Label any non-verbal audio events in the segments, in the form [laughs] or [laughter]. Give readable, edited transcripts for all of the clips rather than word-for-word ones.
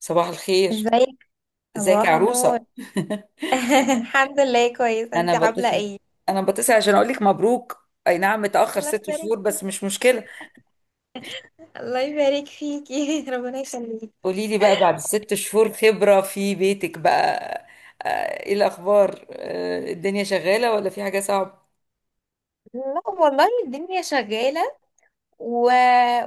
صباح الخير. ازيك. ازيك يا صباح النور. عروسة؟ [laughs] الحمد لله، كويس. [laughs] انا انت عامله بتصل ايه؟ انا بتصل عشان اقول لك مبروك، اي نعم متأخر الله ست يبارك شهور فيك. بس مش مشكلة. الله يبارك فيكي. [laughs] ربنا يخليك. قولي لي بقى بعد ال6 شهور خبرة في بيتك بقى. آه، ايه الاخبار؟ الدنيا شغالة ولا في حاجة صعبة؟ لا والله، الدنيا شغاله. و...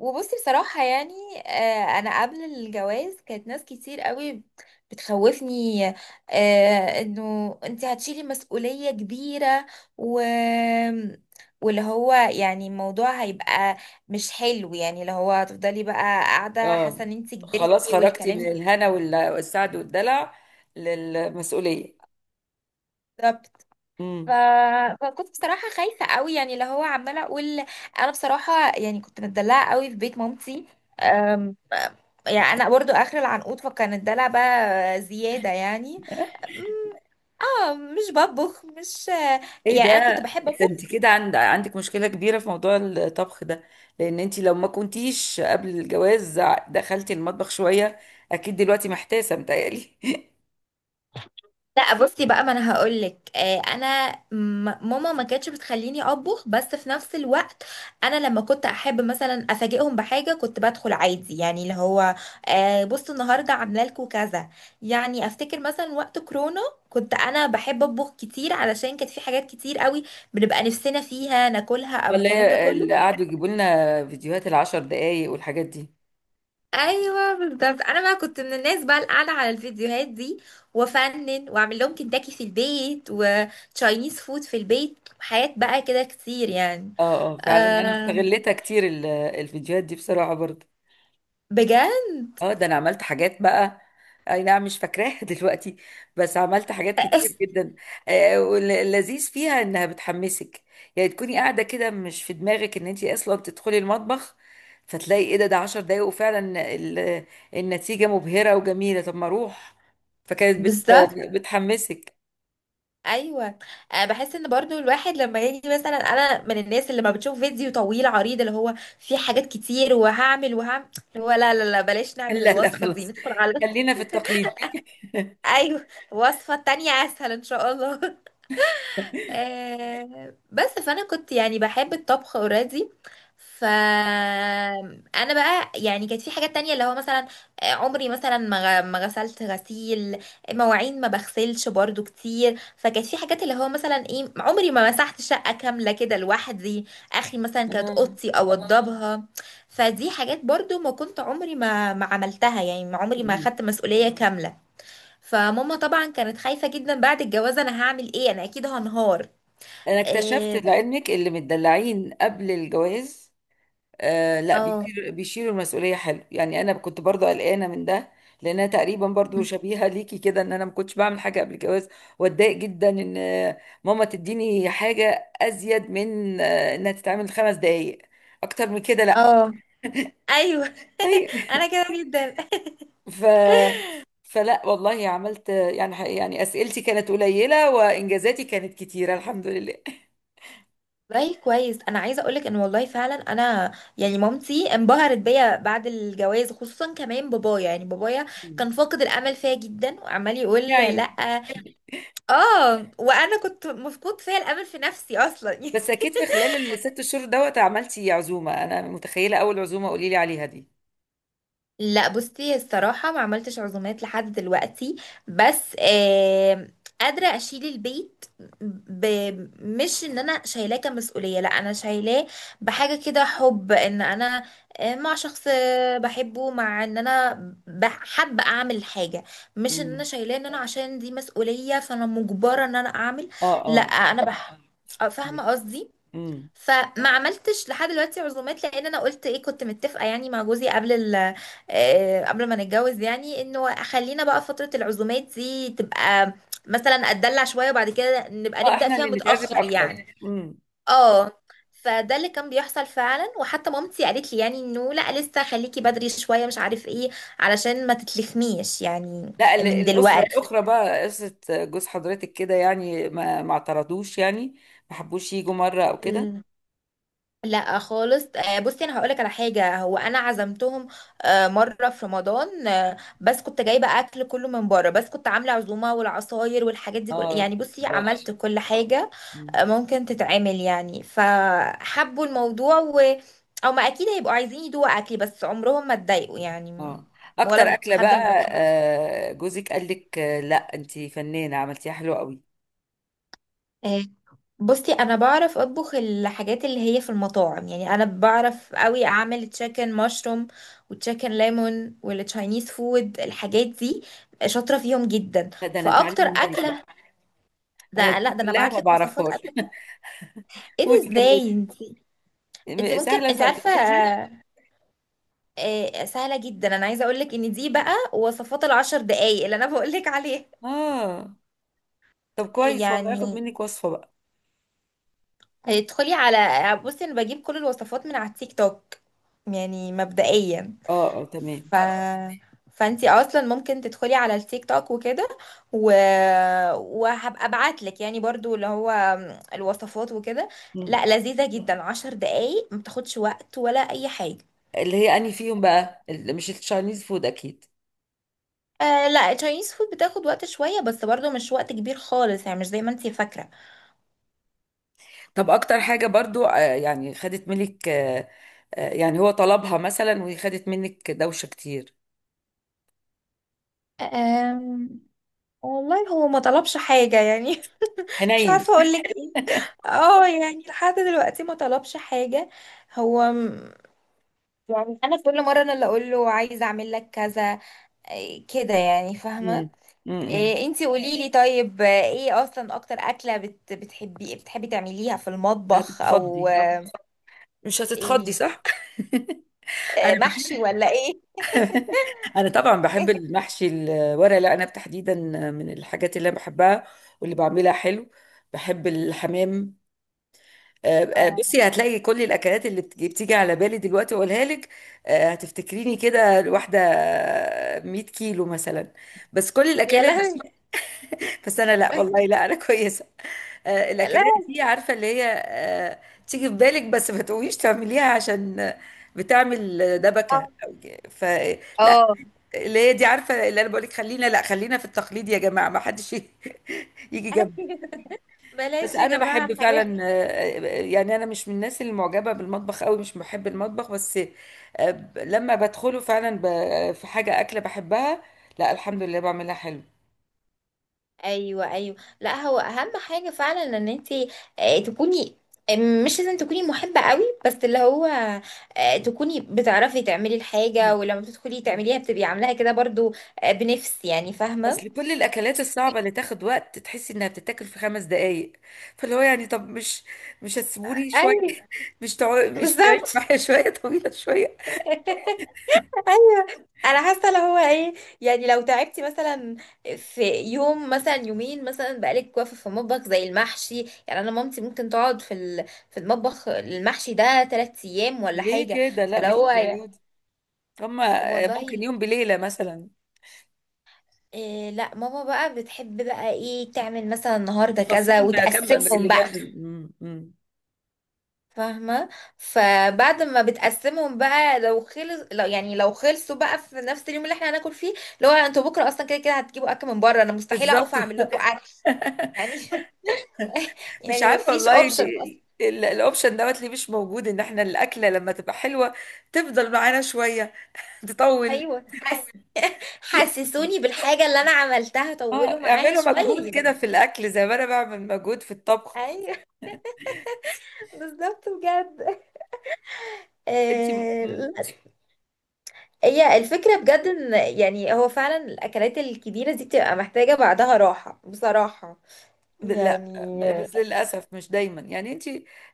وبصي بصراحة، يعني أنا قبل الجواز كانت ناس كتير قوي بتخوفني، إنه أنت هتشيلي مسؤولية كبيرة. و... واللي هو يعني الموضوع هيبقى مش حلو، يعني اللي هو هتفضلي بقى قاعدة اه، حاسة إن أنت خلاص كبرتي خرجتي والكلام من ده. الهنا والسعد والدلع للمسؤولية. بالظبط. ف... فكنت بصراحة خايفة قوي، يعني اللي هو عمالة أقول أنا بصراحة، يعني كنت متدلعة قوي في بيت مامتي. يعني انا برضو اخر العنقود، فكان الدلع بقى زيادة يعني. أم، اه، مش بطبخ، مش ايه ده؟ يعني، انا كنت بحب ده اطبخ. انت كده عندك مشكلة كبيرة في موضوع الطبخ ده، لان انت لو ما كنتيش قبل الجواز دخلتي المطبخ شوية اكيد دلوقتي محتاسة متهيألي. لا بصي بقى، ما انا هقولك. ماما ما كانتش بتخليني اطبخ، بس في نفس الوقت انا لما كنت احب مثلا افاجئهم بحاجه كنت بدخل عادي، يعني اللي هو بصوا، النهارده عامله لكم كذا. يعني افتكر مثلا وقت كورونا كنت انا بحب اطبخ كتير، علشان كانت في حاجات كتير قوي بنبقى نفسنا فيها ناكلها [laughs] او ولا الكلام ده هي كله. اللي قعدوا يجيبوا لنا فيديوهات ال10 دقايق والحاجات دي؟ ايوه بالظبط، انا بقى كنت من الناس بقى اللي قاعده على الفيديوهات دي، وافنن واعمل لهم كنتاكي في البيت وتشاينيز فود في البيت، حاجات بقى كده كتير يعني. اه، اه، فعلا انا أم، استغلتها كتير، الفيديوهات دي بصراحة برضه. بجد. اه، ده انا عملت حاجات بقى، اي نعم مش فاكراها [laughs] دلوقتي، بس عملت حاجات [laughs] كتير أس- جدا. واللذيذ فيها انها بتحمسك، يعني تكوني قاعده كده مش في دماغك ان انت اصلا تدخلي المطبخ، فتلاقي ايه ده؟ ده 10 دقايق وفعلا ال- النتيجه مبهره وجميله، طب ما اروح. فكانت بالظبط. بتحمسك. ايوه. بحس ان برضو الواحد لما يجي مثلا، انا من الناس اللي ما بتشوف فيديو طويل عريض اللي هو فيه حاجات كتير وهعمل وهعمل، اللي هو لا لا لا، بلاش [laughs] نعمل لا، لا، الوصفه دي، خلاص، ندخل على [laughs] خلينا في التقليد. [laughs] ايوه، وصفه تانية اسهل ان شاء الله. آه بس، فانا كنت يعني بحب الطبخ اوريدي. ف انا بقى يعني كانت في حاجات تانية، اللي هو مثلا عمري مثلا ما غسلت غسيل مواعين، ما بغسلش برضو كتير. فكانت في حاجات اللي هو مثلا ايه، عمري ما مسحت شقة كاملة كده لوحدي. اخري مثلا كانت آه. اوضتي اوضبها. فدي حاجات برضو ما كنت عمري ما عملتها، يعني ما عمري ما خدت مسؤولية كاملة. فماما طبعا كانت خايفة جدا بعد الجواز، انا هعمل ايه، انا اكيد هنهار. انا اكتشفت إيه. لعلمك اللي متدلعين قبل الجواز، آه لا، اه بيشيلوا بيشيلوا المسؤوليه حلو، يعني انا كنت برضو قلقانه من ده، لانها تقريبا برضو شبيهه ليكي كده ان انا ما كنتش بعمل حاجه قبل الجواز، واتضايق جدا ان ماما تديني حاجه ازيد من انها تتعمل 5 دقائق، اكتر من كده لا. اه. [laughs] ايوه. اي. [laughs] انا كده جدا. [laughs] ف فلا والله عملت، يعني اسئلتي كانت قليله وانجازاتي كانت كتيره الحمد لله. والله كويس، انا عايزه اقولك ان والله فعلا انا يعني مامتي انبهرت بيا بعد الجواز، خصوصا كمان بابايا. يعني بابايا مم. كان فاقد الامل فيا جدا، وعمال يقول [laughs] لا. يعني [laughs] اه، وانا كنت مفقود فيا الامل في نفسي اصلا. [laughs] بس اكيد في خلال ال6 شهور دوت عملتي عزومه، انا متخيله اول عزومه قولي لي عليها دي. لا بصي الصراحة، ما عملتش عزومات لحد دلوقتي. بس آه، قادرة أشيل البيت. ب... مش إن أنا شايلاه كمسؤولية، لا أنا شايلاه بحاجة كده حب. إن أنا مع شخص بحبه، مع إن أنا حابة أعمل حاجة. مش إن أنا امم. شايلاه إن أنا عشان دي مسؤولية فأنا مجبرة إن أنا أعمل. اه، لا اه. أنا بح... فاهمة قصدي. امم. فما عملتش لحد دلوقتي عزومات، لان انا قلت ايه، كنت متفقه يعني مع جوزي قبل قبل ما نتجوز، يعني انه خلينا بقى فتره العزومات دي تبقى مثلا اتدلع شويه، وبعد كده نبقى اه، نبدا احنا فيها اللي نتعزم متاخر اكتر. يعني. امم. اه. فده اللي كان بيحصل فعلا، وحتى مامتي قالت لي يعني انه لا، لسه خليكي بدري شويه، مش عارف ايه، علشان ما تتلخميش يعني لا، من الاسره دلوقتي. الاخرى بقى قصه جوز حضرتك كده يعني ما اعترضوش يعني؟ ما حبوش يجوا مره او كده؟ لا خالص. بصي انا هقولك على حاجه، هو انا عزمتهم مره في رمضان، بس كنت جايبه اكل كله من بره، بس كنت عامله عزومه والعصاير والحاجات دي كل، اه، يعني بصي برافو. عملت كل حاجه مم. ممكن تتعمل يعني. فحبوا الموضوع، و او ما اكيد هيبقوا عايزين يدوقوا اكلي، بس عمرهم ما اتضايقوا يعني. اه، اكتر ولا اكله حد من بقى جوزك قال لك آه لا انت فنانه عملتيها حلوه قوي؟ [laughs] بصي انا بعرف اطبخ الحاجات اللي هي في المطاعم. يعني انا بعرف قوي اعمل تشيكن مشروم وتشيكن ليمون والتشاينيز فود الحاجات دي، شاطره فيهم جدا لا، ده انا اتعلم فاكتر منك بقى، اكله. [laughs] انا ده لا، دي ده انا كلها بعت ما لك وصفات بعرفهاش. اكل كده. [laughs] ايه ده، قولي كملي، ازاي انت؟ انت ممكن، سهله انت سهله عارفه تفتكري؟ سهله جدا. انا عايزه اقول لك ان دي بقى وصفات الـ10 دقايق اللي انا بقول لك عليها. اه، طب كويس والله هاخد يعني منك وصفه بقى. ادخلي على، بصي انا بجيب كل الوصفات من على التيك توك، يعني مبدئيا. اه، اه، تمام. ف... فانتي اصلا ممكن تدخلي على التيك توك وكده. و... وهبقى ابعت لك يعني برضو اللي هو الوصفات وكده. مم. لا لذيذة جدا، 10 دقايق، ما بتاخدش وقت ولا اي حاجة. اللي هي اني فيهم بقى اللي مش التشاينيز فود اكيد. آه لا، التشاينيز فود بتاخد وقت شوية، بس برضو مش وقت كبير خالص يعني، مش زي ما انتي فاكرة. طب اكتر حاجه برضو، يعني خدت منك، يعني هو طلبها مثلا وهي خدت منك دوشه كتير؟ آم... والله هو ما طلبش حاجة يعني. [laughs] مش حنين. عارفة اقول لك ايه. اه، يعني لحد دلوقتي ما طلبش حاجة هو. يعني انا كل مره انا اللي اقول له عايزه اعمل لك كذا، إيه كده، يعني فاهمه. مم. مم. إيه، انتي قولي لي، طيب ايه اصلا اكتر اكله بتحبي تعمليها في المطبخ، او هتتخضي، مش هتتخضي ايه، صح؟ [laughs] انا محشي ولا ايه؟ بح- انا طبعا بحب [laughs] المحشي، الورق العنب تحديدا، من الحاجات اللي انا بحبها واللي بعملها حلو، بحب الحمام، آه، اه. بصي هتلاقي كل الاكلات اللي بتيجي على بالي دلوقتي اقولها لك، هتفتكريني كده واحده 100 كيلو مثلا، بس كل يا الاكلات. لهوي. بس انا لا والله، لا انا [laughs] كويسه. لا. الاكلات دي عارفه اللي هي، تيجي في بالك بس ما تقوميش تعمليها عشان بتعمل دبكه. اه. ف [laughs] لا، آه. اللي هي دي عارفه، اللي انا بقول لك خلينا، لا خلينا في التقليد يا جماعه، ما حدش [laughs] يجي جنبنا. بس بلاش يا انا بحب جماعه حاجات. فعلا، يعني انا مش من الناس اللي معجبه بالمطبخ قوي، مش بحب المطبخ، بس لما بدخله فعلا في حاجه اكله بحبها، لا الحمد لله بعملها حلو. ايوه ايوه. لا هو اهم حاجه فعلا ان انت تكوني آه، مش لازم تكوني محبه قوي، بس اللي هو تكوني بتعرفي تعملي الحاجه، ولما بتدخلي تعمليها بتبقي عاملاها كده برضو بنفس، يعني فاهمه. بس لكل الاكلات الصعبه اللي تاخد وقت تحسي انها بتتاكل في 5 دقائق، فاللي هو يعني، طب مش هتسيبوني شويه؟ ايوه [laughs] مش تعيش بالظبط. معايا شويه، طويله شويه. [laughs] ايوه. انا حاسه اللي هو ايه، يعني لو تعبتي مثلا في يوم، مثلا يومين مثلا، بقالك واقفه في المطبخ زي المحشي. يعني انا مامتي ممكن تقعد في المطبخ المحشي ده 3 ايام ولا ليه حاجه، كده؟ لا فلو مش هو، للدرجه دي، هما ممكن والله. يوم بليله مثلا. إيه لا، ماما بقى بتحب بقى ايه تعمل مثلا النهارده كذا فصيل ما كم اللي وتقسمهم بقى. جنب، مم، مم. فاهمه. فبعد ما بتقسمهم بقى، لو خلص، لو يعني لو خلصوا بقى في نفس اليوم اللي احنا هناكل فيه، لو انتوا بكره اصلا كده كده هتجيبوا اكل من بره، انا مستحيل اقف بالظبط. اعمل [laughs] لكم اكل يعني. [laughs] مش يعني ما عارفه فيش والله اوبشن اصلا. الاوبشن دوت ليه مش موجود ان احنا الاكله لما تبقى حلوه تفضل معانا شويه، تطول. ايوه، حسسوني بالحاجه اللي انا عملتها، اه، طولوا معاها اعملوا مجهود شويه كده يعني. في الاكل زي ما انا بعمل مجهود في الطبخ. ايوه. [laughs] بالظبط بجد. انت آه، هي الفكرة بجد ان يعني هو فعلا الاكلات الكبيرة دي بتبقى محتاجة بعدها راحة بصراحة لا يعني. بس للاسف مش دايما يعني انت،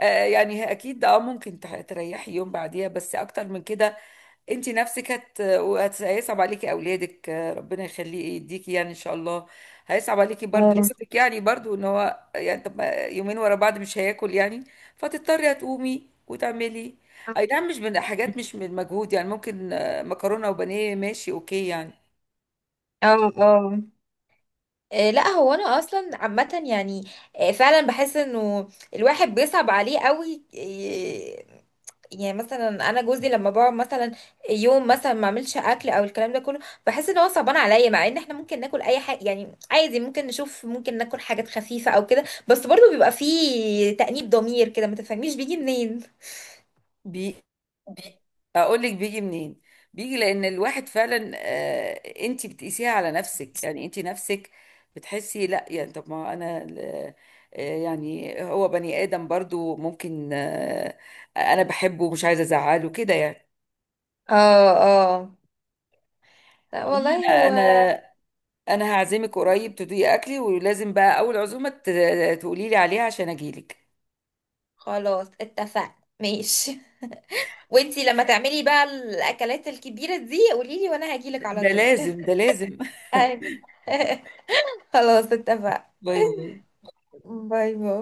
آه يعني اكيد اه ممكن تريحي يوم بعديها بس اكتر من كده انت نفسك هيصعب عليكي اولادك، ربنا يخليه يديكي يعني ان شاء الله، هيصعب عليكي برضو جوزك يعني برضو ان هو يعني طب ما يومين ورا بعض مش هياكل يعني، فتضطري هتقومي وتعملي، اي نعم مش من حاجات مش من مجهود يعني ممكن مكرونه وبانيه ماشي اوكي يعني. اه اه. لا هو انا اصلا عامه يعني. فعلا بحس انه الواحد بيصعب عليه قوي. يعني مثلا انا جوزي لما بقعد مثلا يوم مثلا ما اعملش اكل او الكلام ده كله، بحس ان هو صعبان عليا، مع ان احنا ممكن ناكل اي حاجه يعني عادي، ممكن نشوف، ممكن ناكل حاجات خفيفه او كده، بس برضه بيبقى فيه تأنيب ضمير كده، ما تفهميش بيجي منين. بي اقول لك بيجي منين؟ بيجي لان الواحد فعلا، انت بتقيسيها على نفسك، يعني انت نفسك بتحسي لا يعني طب ما انا يعني هو بني ادم برضو ممكن، انا بحبه ومش عايزه ازعله كده يعني. اه اه. لا والله عموما هو. انا هعزمك قريب تدوقي اكلي، ولازم بقى اول عزومه تقولي لي عليها عشان اجيلك، خلاص اتفقنا. ماشي. وانتي لما تعملي بقى الاكلات الكبيره دي قوليلي، وانا هجيلك على ده طول. لازم ده لازم. [laughs] [laughs] أيوة. [laughs] خلاص اتفقنا. باي باي. باي باي.